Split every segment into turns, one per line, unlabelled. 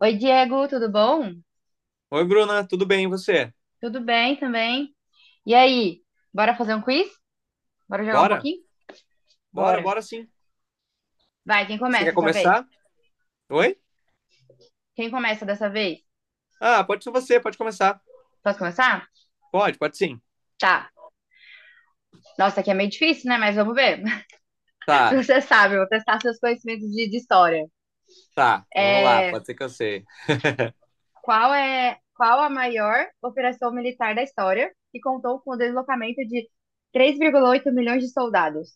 Oi, Diego, tudo bom?
Oi, Bruna, tudo bem, e você?
Tudo bem também. E aí, bora fazer um quiz? Bora jogar um
Bora?
pouquinho?
Bora,
Bora.
bora sim.
Vai, quem
Você
começa
quer
dessa vez?
começar? Oi?
Quem começa dessa vez?
Ah, pode ser você, pode começar.
Posso começar?
Pode, pode sim.
Tá. Nossa, aqui é meio difícil, né? Mas vamos ver. Se
Tá,
você sabe, eu vou testar seus conhecimentos de história.
tá, vamos lá,
É,
pode ser que eu sei.
qual é, qual a maior operação militar da história que contou com o deslocamento de 3,8 milhões de soldados?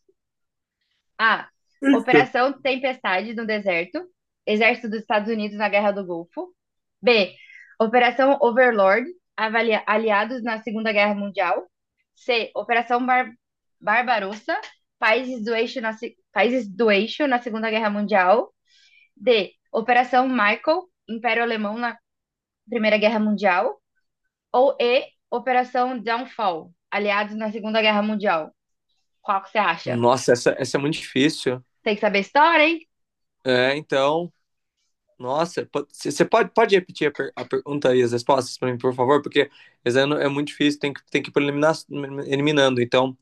A.
Eita.
Operação Tempestade no Deserto, Exército dos Estados Unidos na Guerra do Golfo. B. Operação Overlord, aliados na Segunda Guerra Mundial. C. Operação Bar Barbarossa, países do eixo na, se- países do eixo na Segunda Guerra Mundial. D. Operação Michael, Império Alemão na Primeira Guerra Mundial. Ou E. Operação Downfall, aliados na Segunda Guerra Mundial. Qual que você acha?
Nossa, essa é muito difícil.
Tem que saber história, hein?
É, então, nossa, você pode repetir a, a pergunta e as respostas para mim, por favor? Porque esse ano é muito difícil, tem que ir por eliminar, eliminando. Então,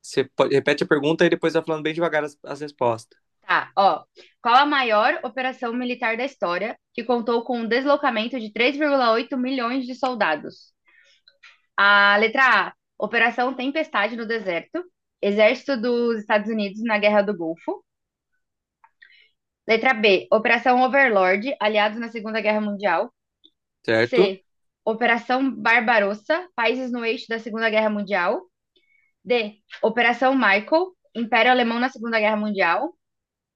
você repete a pergunta e depois vai falando bem devagar as, as respostas,
Tá, ó. Qual a maior operação militar da história que contou com o deslocamento de 3,8 milhões de soldados? A letra A, Operação Tempestade no Deserto, Exército dos Estados Unidos na Guerra do Golfo. Letra B, Operação Overlord, aliados na Segunda Guerra Mundial.
certo?
C, Operação Barbarossa, países no eixo da Segunda Guerra Mundial. D, Operação Michael, Império Alemão na Segunda Guerra Mundial.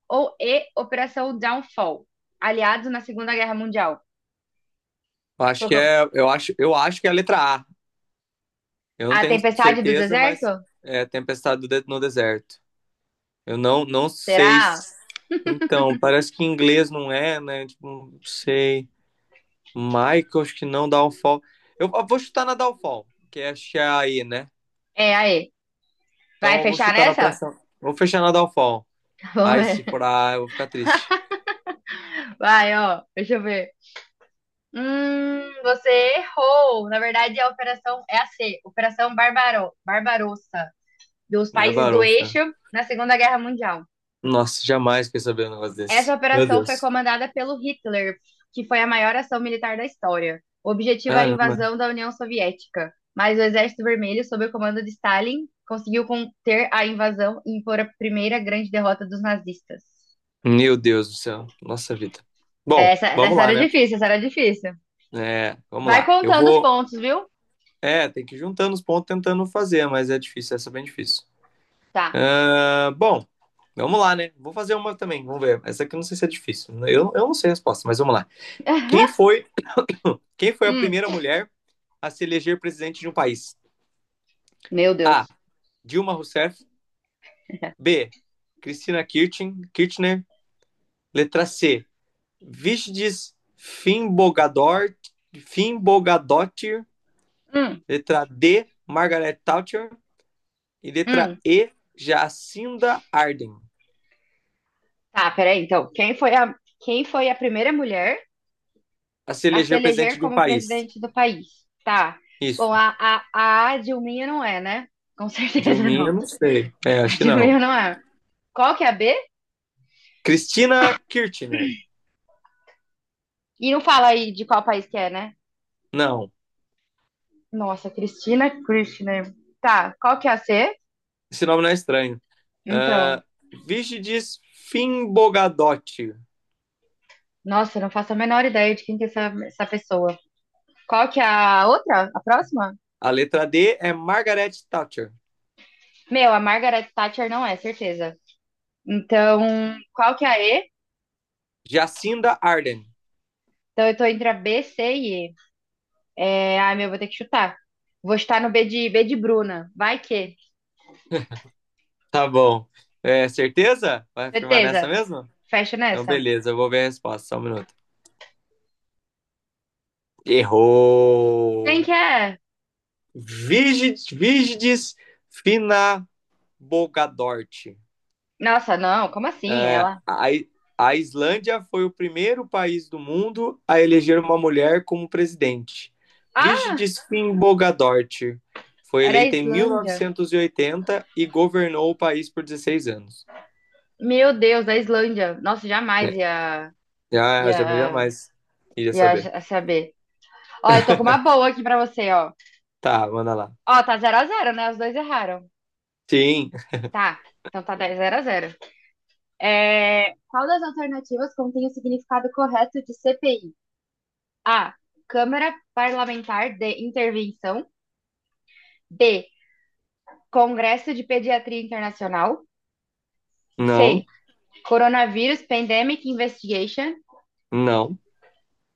Ou E, Operação Downfall, aliados na Segunda Guerra Mundial.
Eu acho que é a letra A. Eu não
A
tenho
Tempestade do
certeza,
Deserto?
mas é Tempestade do no Deserto. Eu não sei.
Será?
Então, parece que em inglês não é, né? Tipo, não sei. Michael, acho que não, Downfall. Eu vou chutar na Downfall, que é aí, né?
É, aí. Vai
Então eu vou
fechar
chutar na
nessa?
pressão. Vou fechar na Downfall.
Vamos
Ai, se
ver.
for A, eu vou ficar triste.
Vai, ó. Deixa eu ver. Você errou. Na verdade, a operação é a C, Barbarossa, dos
É
países do eixo
barota.
na Segunda Guerra Mundial.
Nossa, jamais queria saber um negócio
Essa
desse. Meu
operação foi
Deus.
comandada pelo Hitler, que foi a maior ação militar da história. O objetivo era a
Caramba.
invasão da União Soviética, mas o Exército Vermelho, sob o comando de Stalin, conseguiu conter a invasão e impor a primeira grande derrota dos nazistas.
Meu Deus do céu. Nossa vida.
É,
Bom,
Essa,
vamos
essa
lá,
era
né?
difícil, essa era difícil.
É, vamos
Vai
lá. Eu
contando os
vou.
pontos, viu?
É, tem que ir juntando os pontos tentando fazer, mas é difícil, essa é bem difícil.
Tá.
Ah, bom, vamos lá, né? Vou fazer uma também, vamos ver. Essa aqui eu não sei se é difícil. Eu não sei a resposta, mas vamos lá. Quem foi, quem foi a
Hum,
primeira mulher a se eleger presidente de um país?
meu
A.
Deus.
Dilma Rousseff. B. Cristina Kirchner. Letra C. Vigdis Finnbogadottir.
Hum,
Letra D. Margaret Thatcher. E letra
hum.
E. Jacinda Ardern.
Tá, peraí, então. Quem foi a primeira mulher
A se
a se
eleger
eleger
presidente de um
como
país.
presidente do país. Tá.
Isso.
Bom, a Dilminha não é, né? Com certeza não.
Dilminha, não sei. É,
A
acho que não.
Dilminha não é. Qual que é a B?
Cristina Kirchner.
E não fala aí de qual país que é, né?
Não,
Nossa, Cristina Kirchner. Tá, qual que é a C?
esse nome não é estranho.
Então,
Uh, Vigidis Finbogadotti.
nossa, não faço a menor ideia de quem que é essa pessoa. Qual que é a outra? A próxima?
A letra D é Margaret Thatcher.
Meu, a Margaret Thatcher não é, certeza. Então, qual que é a E?
Jacinda Ardern.
Então, eu tô entre a B, C e E. É, ai, meu, vou ter que chutar. Vou estar no B de Bruna. Vai que.
Tá bom. É, certeza? Vai afirmar nessa
Certeza.
mesmo?
Fecha
Então,
nessa.
beleza, eu vou ver a resposta. Só um minuto.
Quem
Errou!
que é?
Vigidis Finabogadort.
Nossa, não, como assim?
É,
Ela.
a Islândia foi o primeiro país do mundo a eleger uma mulher como presidente.
Ah,
Vigdis Finnbogadóttir foi
era a
eleita em
Islândia.
1980 e oitenta e governou o país por 16 anos.
Meu Deus, a Islândia. Nossa, jamais
É,
ia,
já
ia,
jamais iria saber.
saber. Ó, eu tô com uma boa aqui pra você, ó.
Tá, manda lá.
Ó, tá 0-0, né? Os dois erraram.
Sim,
Tá. Então tá dez zero a zero. É, qual das alternativas contém o significado correto de CPI? A. Câmara Parlamentar de Intervenção. B. Congresso de Pediatria Internacional.
não,
C. Coronavírus Pandemic Investigation.
não.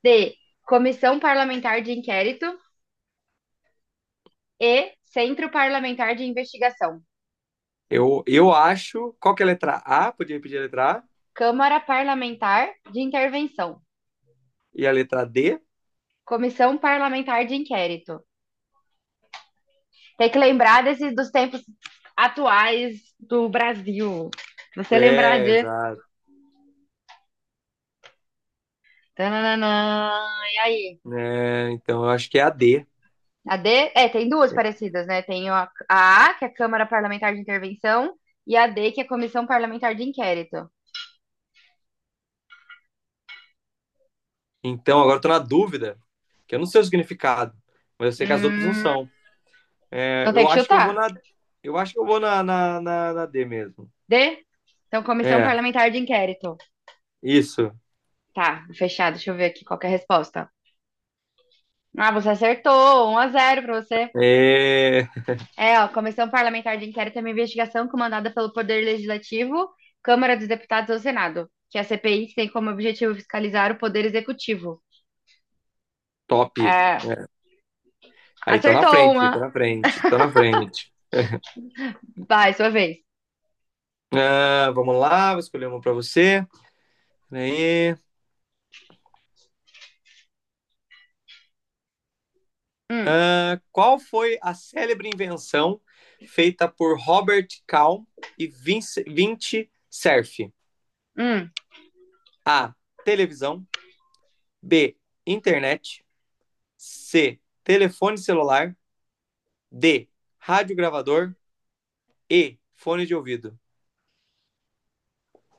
D. Comissão Parlamentar de Inquérito. E. Centro Parlamentar de Investigação.
Eu acho. Qual que é a letra A? Podia repetir a letra A?
Câmara Parlamentar de Intervenção.
E a letra D?
Comissão Parlamentar de Inquérito. Tem que lembrar desses, dos tempos atuais do Brasil. Você lembrar
É,
de.
exato.
Tananana, e aí?
É, então eu acho que é a D.
A D, é, tem duas parecidas, né? Tem a A, que é a Câmara Parlamentar de Intervenção, e a D, que é a Comissão Parlamentar de Inquérito.
Então, agora eu tô na dúvida, que eu não sei o significado, mas eu sei que as outras não
Hum,
são. É,
então tem
eu
que
acho que eu vou
chutar.
na. Eu acho que eu vou na D mesmo.
D? Então, Comissão
É,
Parlamentar de Inquérito.
isso.
Tá, fechado. Deixa eu ver aqui qual que é a resposta. Ah, você acertou. 1-0 para você.
É,
É, ó, Comissão Parlamentar de Inquérito é uma investigação comandada pelo Poder Legislativo, Câmara dos Deputados ou Senado, que é a CPI tem como objetivo fiscalizar o Poder Executivo.
top.
É,
Aí tô na
acertou
frente, tô
uma.
na frente, tô na frente.
Vai, sua vez.
Ah, vamos lá, vou escolher uma para você. Aí,
Hum.
ah, qual foi a célebre invenção feita por Robert Calm e Vinci Cerf?
Hum,
A. Televisão. B. Internet. C. Telefone celular. D. Rádio gravador. E. Fone de ouvido.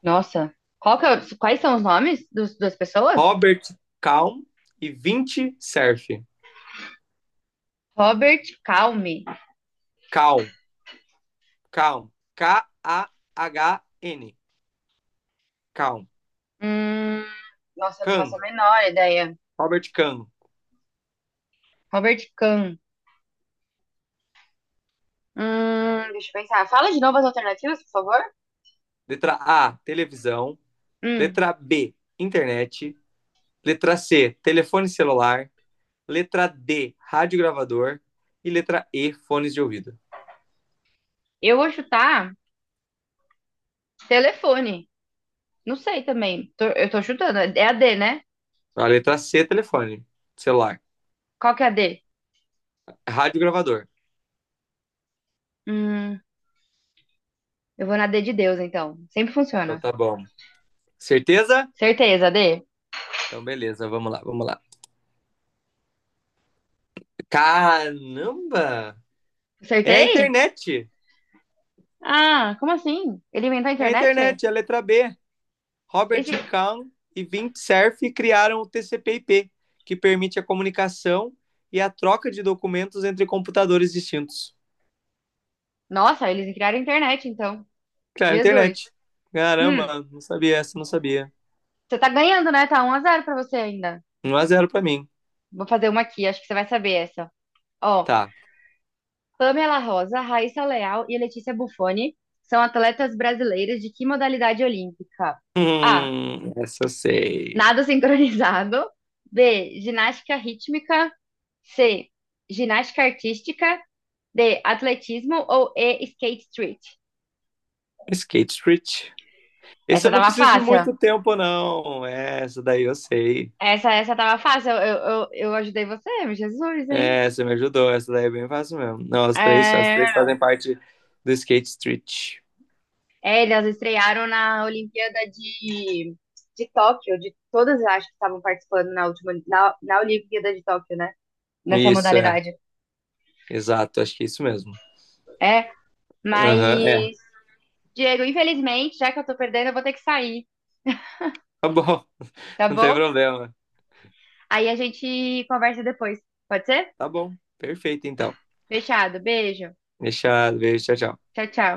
nossa. Qual que é o- quais são os nomes das pessoas?
Robert Calm e 20 Surf.
Robert Calme.
Calm. Calm. Kahn. Calm.
Hum, nossa, eu não faço
Kahn.
a menor ideia.
Robert Kahn.
Robert Kahn. Deixa eu pensar. Fala de novo as alternativas, por favor.
Letra A. Televisão.
Hum,
Letra B. Internet. Letra C. Telefone celular. Letra D. Rádio gravador. E letra E. Fones de ouvido.
eu vou chutar telefone. Não sei também. Tô- eu tô chutando. É a D, né?
A letra C. Telefone celular.
Qual que é a D?
Rádio gravador.
Hum, eu vou na D de Deus, então. Sempre
Então
funciona.
tá bom. Certeza?
Certeza, D.
Então, beleza, vamos lá, vamos lá. Caramba! É a
Acertei?
internet!
Ah, como assim? Ele inventou a
É a
internet?
internet, é a letra B. Robert
Esse...
Kahn e Vint Cerf criaram o TCP/IP, que permite a comunicação e a troca de documentos entre computadores distintos.
Nossa, eles criaram a internet, então.
Claro, internet.
Jesus. Hum,
Caramba, não sabia essa, não sabia.
você tá ganhando, né? Tá 1-0 pra você ainda.
Um a zero pra mim.
Vou fazer uma aqui, acho que você vai saber essa. Ó,
Tá.
Pamela Rosa, Raíssa Leal e Letícia Buffoni são atletas brasileiras de que modalidade olímpica? A.
Essa eu sei.
Nado sincronizado. B. Ginástica rítmica. C. Ginástica artística. D. Atletismo ou E. Skate street.
Skate Street. Esse
Essa
eu não
tava
preciso de
fácil.
muito tempo, não. Essa daí eu sei.
Essa tava fácil. Eu ajudei você, Jesus, hein?
É, você me ajudou. Essa daí é bem fácil mesmo. Não, as três
É,
fazem parte do Skate Street.
é, elas estrearam na Olimpíada de Tóquio, de todas eu acho que estavam participando na última, na Olimpíada de Tóquio, né? Nessa
Isso, é.
modalidade.
Exato, acho que é isso mesmo.
É, mas,
Aham, é.
Diego, infelizmente, já que eu tô perdendo, eu vou ter que sair,
Tá bom,
tá
não tem
bom?
problema.
Aí a gente conversa depois. Pode ser?
Tá bom, perfeito então.
Fechado. Beijo.
Deixa, beijo, tchau, tchau.
Tchau, tchau.